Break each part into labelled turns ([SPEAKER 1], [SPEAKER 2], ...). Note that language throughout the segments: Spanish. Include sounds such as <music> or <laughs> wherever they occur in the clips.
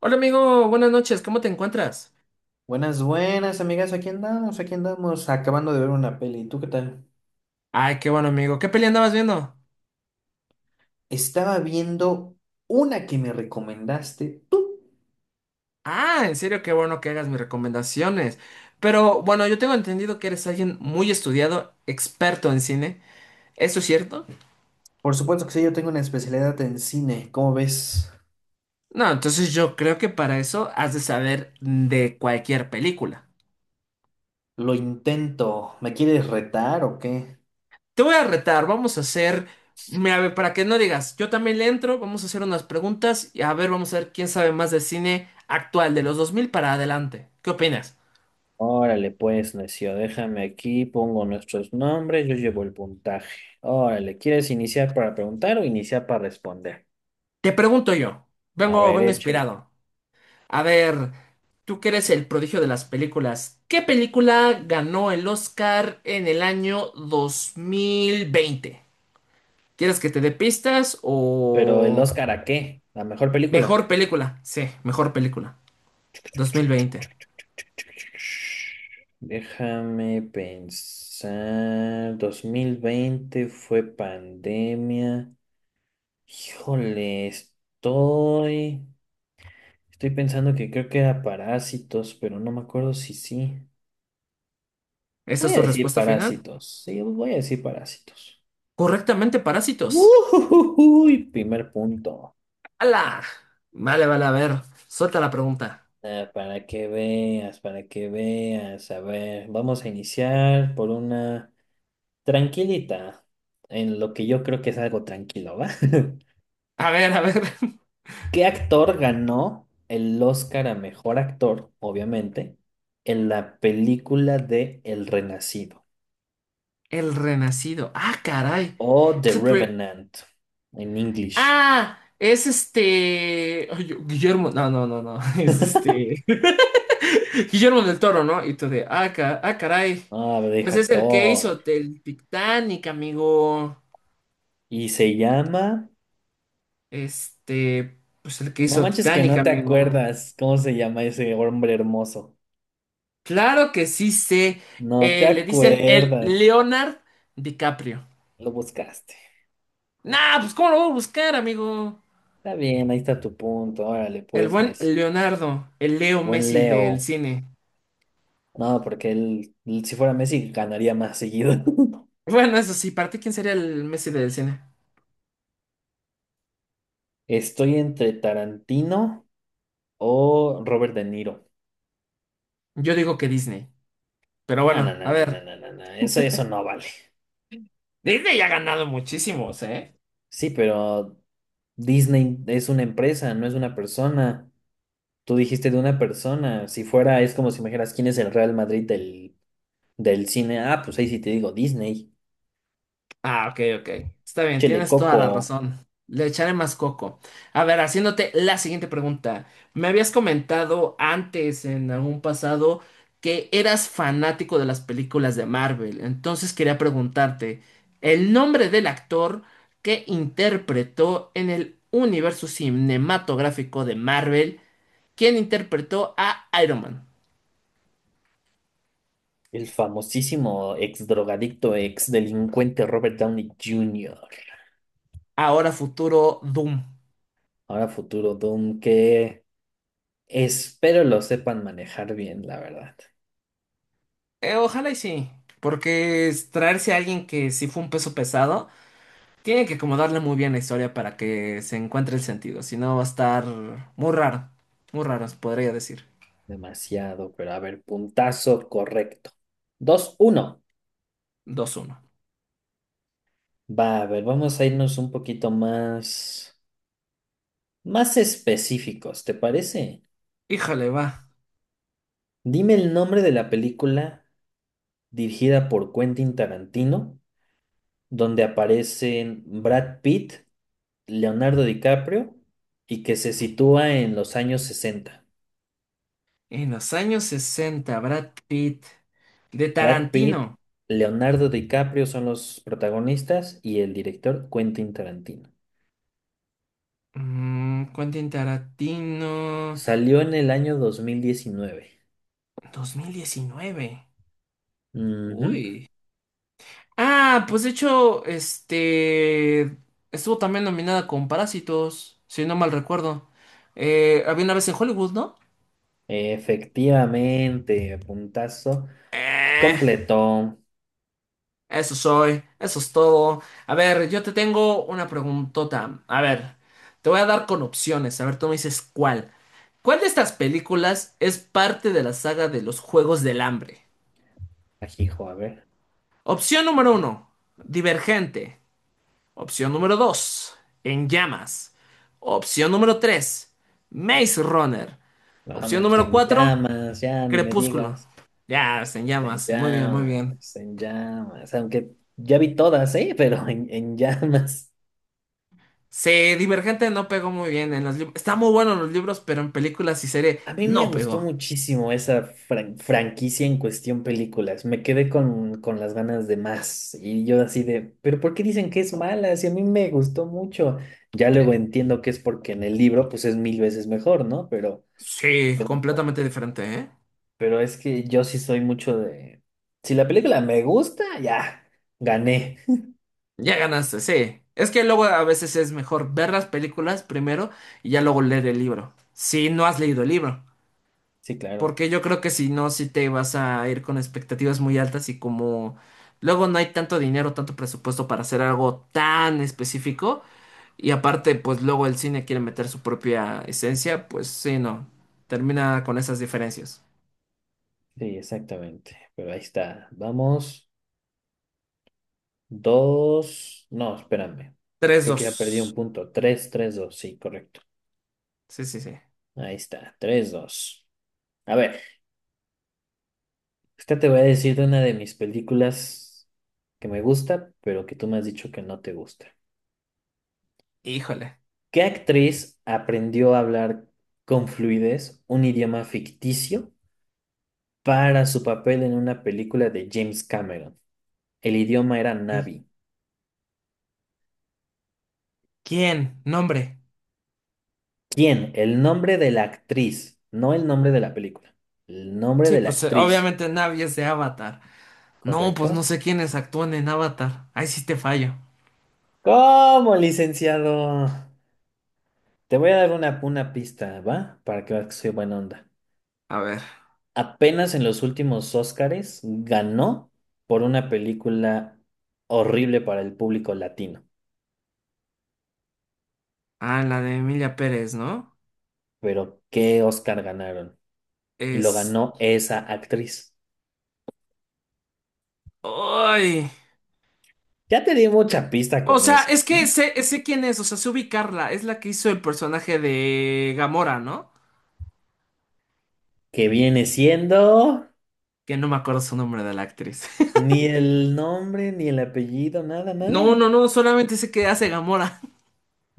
[SPEAKER 1] Hola amigo, buenas noches, ¿cómo te encuentras?
[SPEAKER 2] Buenas, buenas, amigas. Aquí andamos, acabando de ver una peli. ¿Tú qué tal?
[SPEAKER 1] Ay, qué bueno amigo, ¿qué peli andabas viendo?
[SPEAKER 2] Estaba viendo una que me recomendaste tú.
[SPEAKER 1] Ah, en serio, qué bueno que hagas mis recomendaciones. Pero bueno, yo tengo entendido que eres alguien muy estudiado, experto en cine. ¿Eso es cierto?
[SPEAKER 2] Por supuesto que sí, yo tengo una especialidad en cine. ¿Cómo ves?
[SPEAKER 1] No, entonces yo creo que para eso has de saber de cualquier película.
[SPEAKER 2] Lo intento. ¿Me quieres retar o qué?
[SPEAKER 1] Te voy a retar, vamos a hacer, mira, a ver, para que no digas, yo también le entro, vamos a hacer unas preguntas y a ver, vamos a ver quién sabe más de cine actual de los 2000 para adelante. ¿Qué opinas?
[SPEAKER 2] Órale, pues, necio, déjame aquí, pongo nuestros nombres, yo llevo el puntaje. Órale, ¿quieres iniciar para preguntar o iniciar para responder?
[SPEAKER 1] Te pregunto yo,
[SPEAKER 2] A
[SPEAKER 1] vengo,
[SPEAKER 2] ver,
[SPEAKER 1] vengo
[SPEAKER 2] échale.
[SPEAKER 1] inspirado. A ver, tú que eres el prodigio de las películas, ¿qué película ganó el Oscar en el año 2020? ¿Quieres que te dé pistas
[SPEAKER 2] Pero el
[SPEAKER 1] o
[SPEAKER 2] Oscar, ¿a qué? ¿La mejor película?
[SPEAKER 1] mejor película? Sí, mejor película, 2020.
[SPEAKER 2] Déjame pensar. 2020 fue pandemia. Híjole, estoy. Estoy pensando que creo que era parásitos, pero no me acuerdo si sí.
[SPEAKER 1] ¿Esa
[SPEAKER 2] Voy
[SPEAKER 1] es
[SPEAKER 2] a
[SPEAKER 1] tu
[SPEAKER 2] decir
[SPEAKER 1] respuesta final?
[SPEAKER 2] parásitos. Sí, voy a decir parásitos.
[SPEAKER 1] Correctamente, Parásitos.
[SPEAKER 2] Uy, primer punto.
[SPEAKER 1] ¡Hala! Vale, vale, a ver, suelta la pregunta.
[SPEAKER 2] Ah, para que veas, para que veas. A ver, vamos a iniciar por una. Tranquilita, en lo que yo creo que es algo tranquilo, ¿va? <laughs>
[SPEAKER 1] A ver, a ver. <laughs>
[SPEAKER 2] ¿Qué actor ganó el Oscar a mejor actor, obviamente, en la película de El Renacido
[SPEAKER 1] El Renacido. Ah, caray.
[SPEAKER 2] o The Revenant en English?
[SPEAKER 1] Ah, es este. Ay, Guillermo. No, no, no, no. <laughs> Es este. <laughs> Guillermo del Toro, ¿no? Y tú de. Ah, ah, caray.
[SPEAKER 2] Ah, deja
[SPEAKER 1] Pues es el que
[SPEAKER 2] actor.
[SPEAKER 1] hizo el Titanic, amigo.
[SPEAKER 2] Y se llama.
[SPEAKER 1] Este. Pues el que
[SPEAKER 2] No
[SPEAKER 1] hizo
[SPEAKER 2] manches que
[SPEAKER 1] Titanic,
[SPEAKER 2] no te
[SPEAKER 1] amigo.
[SPEAKER 2] acuerdas cómo se llama ese hombre hermoso.
[SPEAKER 1] Claro que sí sé.
[SPEAKER 2] No te
[SPEAKER 1] Le dicen el
[SPEAKER 2] acuerdas.
[SPEAKER 1] Leonard DiCaprio.
[SPEAKER 2] Lo buscaste.
[SPEAKER 1] Nah, pues ¿cómo lo voy a buscar, amigo?
[SPEAKER 2] Está bien, ahí está tu punto. Órale,
[SPEAKER 1] El
[SPEAKER 2] pues,
[SPEAKER 1] buen
[SPEAKER 2] necio.
[SPEAKER 1] Leonardo, el Leo
[SPEAKER 2] Buen
[SPEAKER 1] Messi del
[SPEAKER 2] Leo.
[SPEAKER 1] cine.
[SPEAKER 2] No, porque él, si fuera Messi, ganaría más seguido. <laughs>
[SPEAKER 1] Bueno, eso sí, ¿para ti quién sería el Messi del cine?
[SPEAKER 2] Estoy entre Tarantino o Robert De Niro.
[SPEAKER 1] Yo digo que Disney. Pero
[SPEAKER 2] No, no,
[SPEAKER 1] bueno,
[SPEAKER 2] no,
[SPEAKER 1] a
[SPEAKER 2] no, no,
[SPEAKER 1] ver.
[SPEAKER 2] no, no, no. Eso no vale.
[SPEAKER 1] Disney ya ha ganado muchísimos, ¿eh?
[SPEAKER 2] Sí, pero Disney es una empresa, no es una persona. Tú dijiste de una persona. Si fuera, es como si me dijeras quién es el Real Madrid del cine. Ah, pues ahí sí te digo Disney.
[SPEAKER 1] Ah, ok, ok. Está bien,
[SPEAKER 2] Chele
[SPEAKER 1] tienes toda la
[SPEAKER 2] Coco,
[SPEAKER 1] razón. Le echaré más coco. A ver, haciéndote la siguiente pregunta. Me habías comentado antes, en algún pasado, que eras fanático de las películas de Marvel. Entonces quería preguntarte, el nombre del actor que interpretó en el universo cinematográfico de Marvel, quien interpretó a Iron Man?
[SPEAKER 2] el famosísimo ex drogadicto, ex delincuente Robert Downey Jr.
[SPEAKER 1] Ahora futuro Doom.
[SPEAKER 2] Ahora futuro Doom, ¿qué? Espero lo sepan manejar bien, la verdad.
[SPEAKER 1] Ojalá y sí, porque es traerse a alguien que sí fue un peso pesado, tiene que acomodarle muy bien la historia para que se encuentre el sentido, si no va a estar muy raro, muy raro, se podría decir.
[SPEAKER 2] Demasiado, pero a ver, puntazo correcto. Dos uno.
[SPEAKER 1] Dos uno.
[SPEAKER 2] Va, a ver, vamos a irnos un poquito más, más específicos, ¿te parece?
[SPEAKER 1] Híjole, va.
[SPEAKER 2] Dime el nombre de la película dirigida por Quentin Tarantino, donde aparecen Brad Pitt, Leonardo DiCaprio y que se sitúa en los años 60.
[SPEAKER 1] En los años sesenta Brad Pitt, de
[SPEAKER 2] Brad Pitt,
[SPEAKER 1] Tarantino.
[SPEAKER 2] Leonardo DiCaprio son los protagonistas y el director Quentin Tarantino.
[SPEAKER 1] Quentin Tarantino,
[SPEAKER 2] Salió en el año 2019.
[SPEAKER 1] 2019.
[SPEAKER 2] Ujú.
[SPEAKER 1] Uy. Ah, pues de hecho, estuvo también nominada con Parásitos, si no mal recuerdo. Había una vez en Hollywood, ¿no?
[SPEAKER 2] Efectivamente, puntazo.
[SPEAKER 1] Eh,
[SPEAKER 2] Completó.
[SPEAKER 1] eso es todo. A ver, yo te tengo una preguntota. A ver, te voy a dar con opciones. A ver, tú me dices cuál. ¿Cuál de estas películas es parte de la saga de los Juegos del Hambre?
[SPEAKER 2] Ajijo, a ver.
[SPEAKER 1] Opción número uno, Divergente. Opción número 2, En llamas. Opción número 3, Maze Runner.
[SPEAKER 2] No,
[SPEAKER 1] Opción
[SPEAKER 2] pues,
[SPEAKER 1] número
[SPEAKER 2] en
[SPEAKER 1] 4,
[SPEAKER 2] llamas, ya ni me
[SPEAKER 1] Crepúsculo.
[SPEAKER 2] digas.
[SPEAKER 1] Ya, es En
[SPEAKER 2] En
[SPEAKER 1] llamas. Muy bien, muy bien.
[SPEAKER 2] llamas, en llamas. Aunque ya vi todas, ¿eh? <laughs> Pero en llamas.
[SPEAKER 1] Sí, Divergente no pegó muy bien en los libros. Está muy bueno en los libros, pero en películas y serie
[SPEAKER 2] A mí me
[SPEAKER 1] no
[SPEAKER 2] gustó
[SPEAKER 1] pegó.
[SPEAKER 2] muchísimo esa franquicia en cuestión películas. Me quedé con las ganas de más. Y yo así de, ¿pero por qué dicen que es mala? Si a mí me gustó mucho. Ya luego entiendo que es porque en el libro pues es mil veces mejor, ¿no?
[SPEAKER 1] Sí,
[SPEAKER 2] Pero
[SPEAKER 1] completamente diferente, ¿eh?
[SPEAKER 2] es que yo sí soy mucho de... Si la película me gusta, ya, gané. <laughs>
[SPEAKER 1] Ya ganaste, sí. Es que luego a veces es mejor ver las películas primero y ya luego leer el libro. Si no has leído el libro.
[SPEAKER 2] Sí, claro.
[SPEAKER 1] Porque yo creo que si no, si te vas a ir con expectativas muy altas y como luego no hay tanto dinero, tanto presupuesto para hacer algo tan específico y aparte pues luego el cine quiere meter su propia esencia, pues sí, no, termina con esas diferencias.
[SPEAKER 2] Sí, exactamente. Pero ahí está. Vamos. Dos. No, espérame.
[SPEAKER 1] Tres
[SPEAKER 2] Creo que ya perdí
[SPEAKER 1] dos.
[SPEAKER 2] un punto. Tres, tres, dos. Sí, correcto.
[SPEAKER 1] Sí, sí, sí.
[SPEAKER 2] Ahí está, tres dos. A ver, esta te voy a decir de una de mis películas que me gusta, pero que tú me has dicho que no te gusta.
[SPEAKER 1] Híjole.
[SPEAKER 2] ¿Qué actriz aprendió a hablar con fluidez un idioma ficticio para su papel en una película de James Cameron? El idioma era
[SPEAKER 1] ¿Y
[SPEAKER 2] Navi.
[SPEAKER 1] quién? Nombre.
[SPEAKER 2] ¿Quién? El nombre de la actriz, no el nombre de la película. El nombre
[SPEAKER 1] Sí,
[SPEAKER 2] de la actriz,
[SPEAKER 1] obviamente Navi es de Avatar. No, pues no
[SPEAKER 2] ¿correcto?
[SPEAKER 1] sé quiénes actúan en Avatar. Ahí sí te fallo.
[SPEAKER 2] ¿Cómo, licenciado? Te voy a dar una pista, ¿va? Para que veas que soy buena onda.
[SPEAKER 1] A ver.
[SPEAKER 2] Apenas en los últimos Óscares ganó por una película horrible para el público latino.
[SPEAKER 1] Ah, la de Emilia Pérez, ¿no?
[SPEAKER 2] Pero ¿qué Óscar ganaron? Y lo
[SPEAKER 1] Es...
[SPEAKER 2] ganó esa actriz.
[SPEAKER 1] Ay.
[SPEAKER 2] Ya te di
[SPEAKER 1] Eh,
[SPEAKER 2] mucha pista
[SPEAKER 1] O
[SPEAKER 2] con
[SPEAKER 1] sea,
[SPEAKER 2] eso,
[SPEAKER 1] es que
[SPEAKER 2] ¿eh?
[SPEAKER 1] sé quién es, o sea, sé ubicarla. Es la que hizo el personaje de Gamora, ¿no?
[SPEAKER 2] Que viene siendo
[SPEAKER 1] Que no me acuerdo su nombre de la actriz. <laughs>
[SPEAKER 2] ni el nombre, ni el apellido, nada,
[SPEAKER 1] No,
[SPEAKER 2] nada.
[SPEAKER 1] no, no, solamente sé que hace Gamora.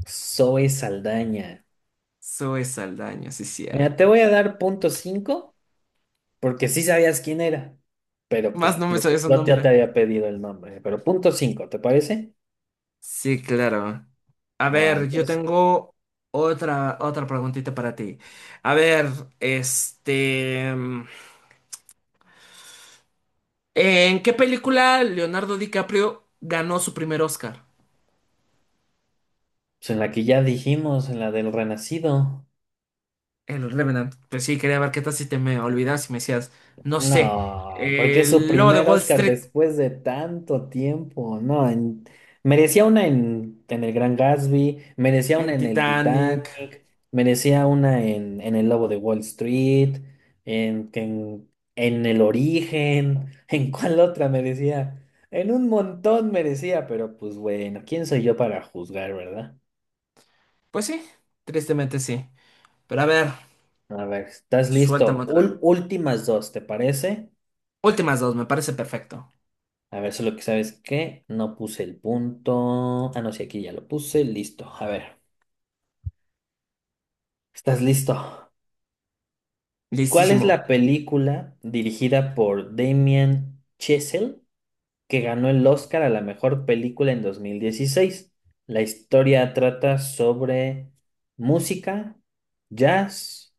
[SPEAKER 2] Zoe Saldaña.
[SPEAKER 1] <laughs> Zoe Saldaña, sí,
[SPEAKER 2] Mira, te
[SPEAKER 1] cierto.
[SPEAKER 2] voy a dar punto cinco porque sí sabías quién era, pero
[SPEAKER 1] Más
[SPEAKER 2] pues
[SPEAKER 1] no me
[SPEAKER 2] yo,
[SPEAKER 1] sabía su
[SPEAKER 2] yo ya te
[SPEAKER 1] nombre.
[SPEAKER 2] había pedido el nombre. Pero punto cinco, ¿te parece?
[SPEAKER 1] Sí, claro. A
[SPEAKER 2] Ah,
[SPEAKER 1] ver, yo
[SPEAKER 2] entonces,
[SPEAKER 1] tengo otra preguntita para ti. A ver, este... mm, ¿en qué película Leonardo DiCaprio ganó su primer Oscar?
[SPEAKER 2] pues en la que ya dijimos, en la del renacido.
[SPEAKER 1] El Revenant. Pues sí, quería ver qué tal si te me olvidas y me decías, no sé,
[SPEAKER 2] No, porque es su
[SPEAKER 1] el lobo de
[SPEAKER 2] primer
[SPEAKER 1] Wall
[SPEAKER 2] Oscar
[SPEAKER 1] Street
[SPEAKER 2] después de tanto tiempo. No, merecía una en El Gran Gatsby, merecía una
[SPEAKER 1] en
[SPEAKER 2] en El
[SPEAKER 1] Titanic.
[SPEAKER 2] Titanic, merecía una en El Lobo de Wall Street, en, en, en El Origen, <laughs> ¿en cuál otra merecía? En un montón merecía, pero pues bueno, ¿quién soy yo para juzgar, verdad?
[SPEAKER 1] Pues sí, tristemente sí. Pero a ver,
[SPEAKER 2] A ver, ¿estás
[SPEAKER 1] suéltame
[SPEAKER 2] listo?
[SPEAKER 1] otra.
[SPEAKER 2] Últimas dos, ¿te parece?
[SPEAKER 1] Últimas dos, me parece perfecto.
[SPEAKER 2] A ver, solo que sabes que no puse el punto. Ah, no, sí, aquí ya lo puse. Listo. A ver, ¿estás listo? ¿Cuál es
[SPEAKER 1] Listísimo.
[SPEAKER 2] la película dirigida por Damien Chazelle que ganó el Oscar a la mejor película en 2016? La historia trata sobre música, jazz,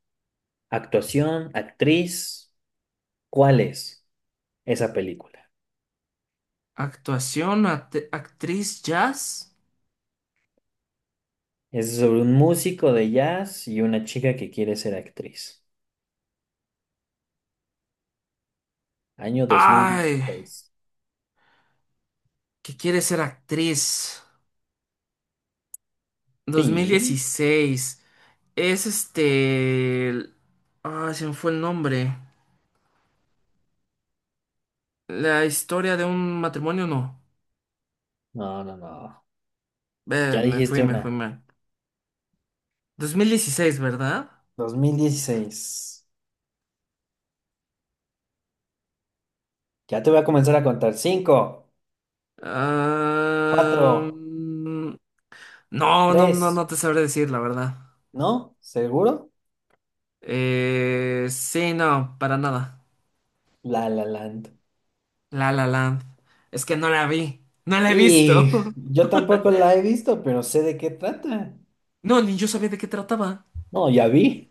[SPEAKER 2] actuación, actriz. ¿Cuál es esa película?
[SPEAKER 1] Actuación, actriz, jazz.
[SPEAKER 2] Es sobre un músico de jazz y una chica que quiere ser actriz. Año dos mil
[SPEAKER 1] Ay,
[SPEAKER 2] dieciséis.
[SPEAKER 1] qué quiere ser actriz.
[SPEAKER 2] Sí.
[SPEAKER 1] 2016. Es ay, se me fue el nombre. La historia de un matrimonio, no.
[SPEAKER 2] No, no, no. Ya
[SPEAKER 1] Me fui,
[SPEAKER 2] dijiste
[SPEAKER 1] me fui
[SPEAKER 2] una.
[SPEAKER 1] mal. 2016, ¿verdad?
[SPEAKER 2] Dos mil dieciséis. Ya te voy a comenzar a contar. Cinco,
[SPEAKER 1] Ah,
[SPEAKER 2] cuatro,
[SPEAKER 1] mm, no, no, no,
[SPEAKER 2] tres.
[SPEAKER 1] no te sabré decir la verdad.
[SPEAKER 2] ¿No? ¿Seguro?
[SPEAKER 1] Sí, no, para nada.
[SPEAKER 2] La La Land.
[SPEAKER 1] La La Land. Es que no la vi. No la he visto.
[SPEAKER 2] Y
[SPEAKER 1] <laughs>
[SPEAKER 2] yo tampoco la he visto, pero sé de qué trata.
[SPEAKER 1] No, ni yo sabía de qué trataba.
[SPEAKER 2] No, ya vi.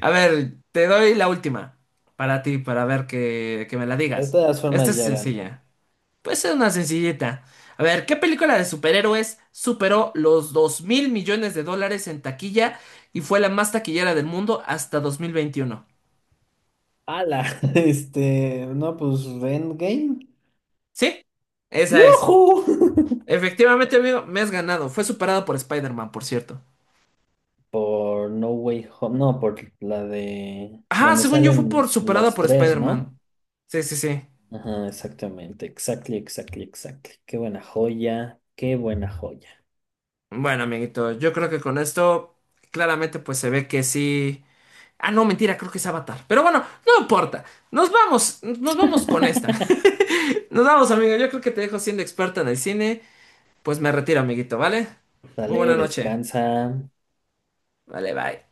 [SPEAKER 1] A ver, te doy la última. Para ti, para ver que, me la
[SPEAKER 2] <laughs> De
[SPEAKER 1] digas.
[SPEAKER 2] todas
[SPEAKER 1] Esta
[SPEAKER 2] formas,
[SPEAKER 1] es
[SPEAKER 2] ya gané.
[SPEAKER 1] sencilla. Pues es una sencillita. A ver, ¿qué película de superhéroes superó los $2.000.000.000 en taquilla y fue la más taquillera del mundo hasta 2021?
[SPEAKER 2] Ala, <laughs> este, no, pues Endgame.
[SPEAKER 1] ¿Sí? Esa es.
[SPEAKER 2] ¡Yujú! <laughs>
[SPEAKER 1] Efectivamente, amigo, me has ganado. Fue superada por Spider-Man, por cierto.
[SPEAKER 2] Por No Way Home, no, por la de
[SPEAKER 1] Ajá,
[SPEAKER 2] donde
[SPEAKER 1] según yo fue por
[SPEAKER 2] salen
[SPEAKER 1] superada
[SPEAKER 2] los
[SPEAKER 1] por
[SPEAKER 2] tres, ¿no?
[SPEAKER 1] Spider-Man. Sí, sí, sí.
[SPEAKER 2] Ajá, exactamente, exactly, exactly, exactly. Qué buena joya, qué buena joya.
[SPEAKER 1] Bueno, amiguito, yo creo que con esto claramente pues se ve que sí. Ah, no, mentira, creo que es Avatar. Pero bueno, no importa. Nos vamos con esta.
[SPEAKER 2] <laughs>
[SPEAKER 1] <laughs> Nos vamos, amigo. Yo creo que te dejo siendo experta en el cine. Pues me retiro, amiguito, ¿vale? Muy
[SPEAKER 2] Sale,
[SPEAKER 1] buena noche.
[SPEAKER 2] descansa.
[SPEAKER 1] Vale, bye.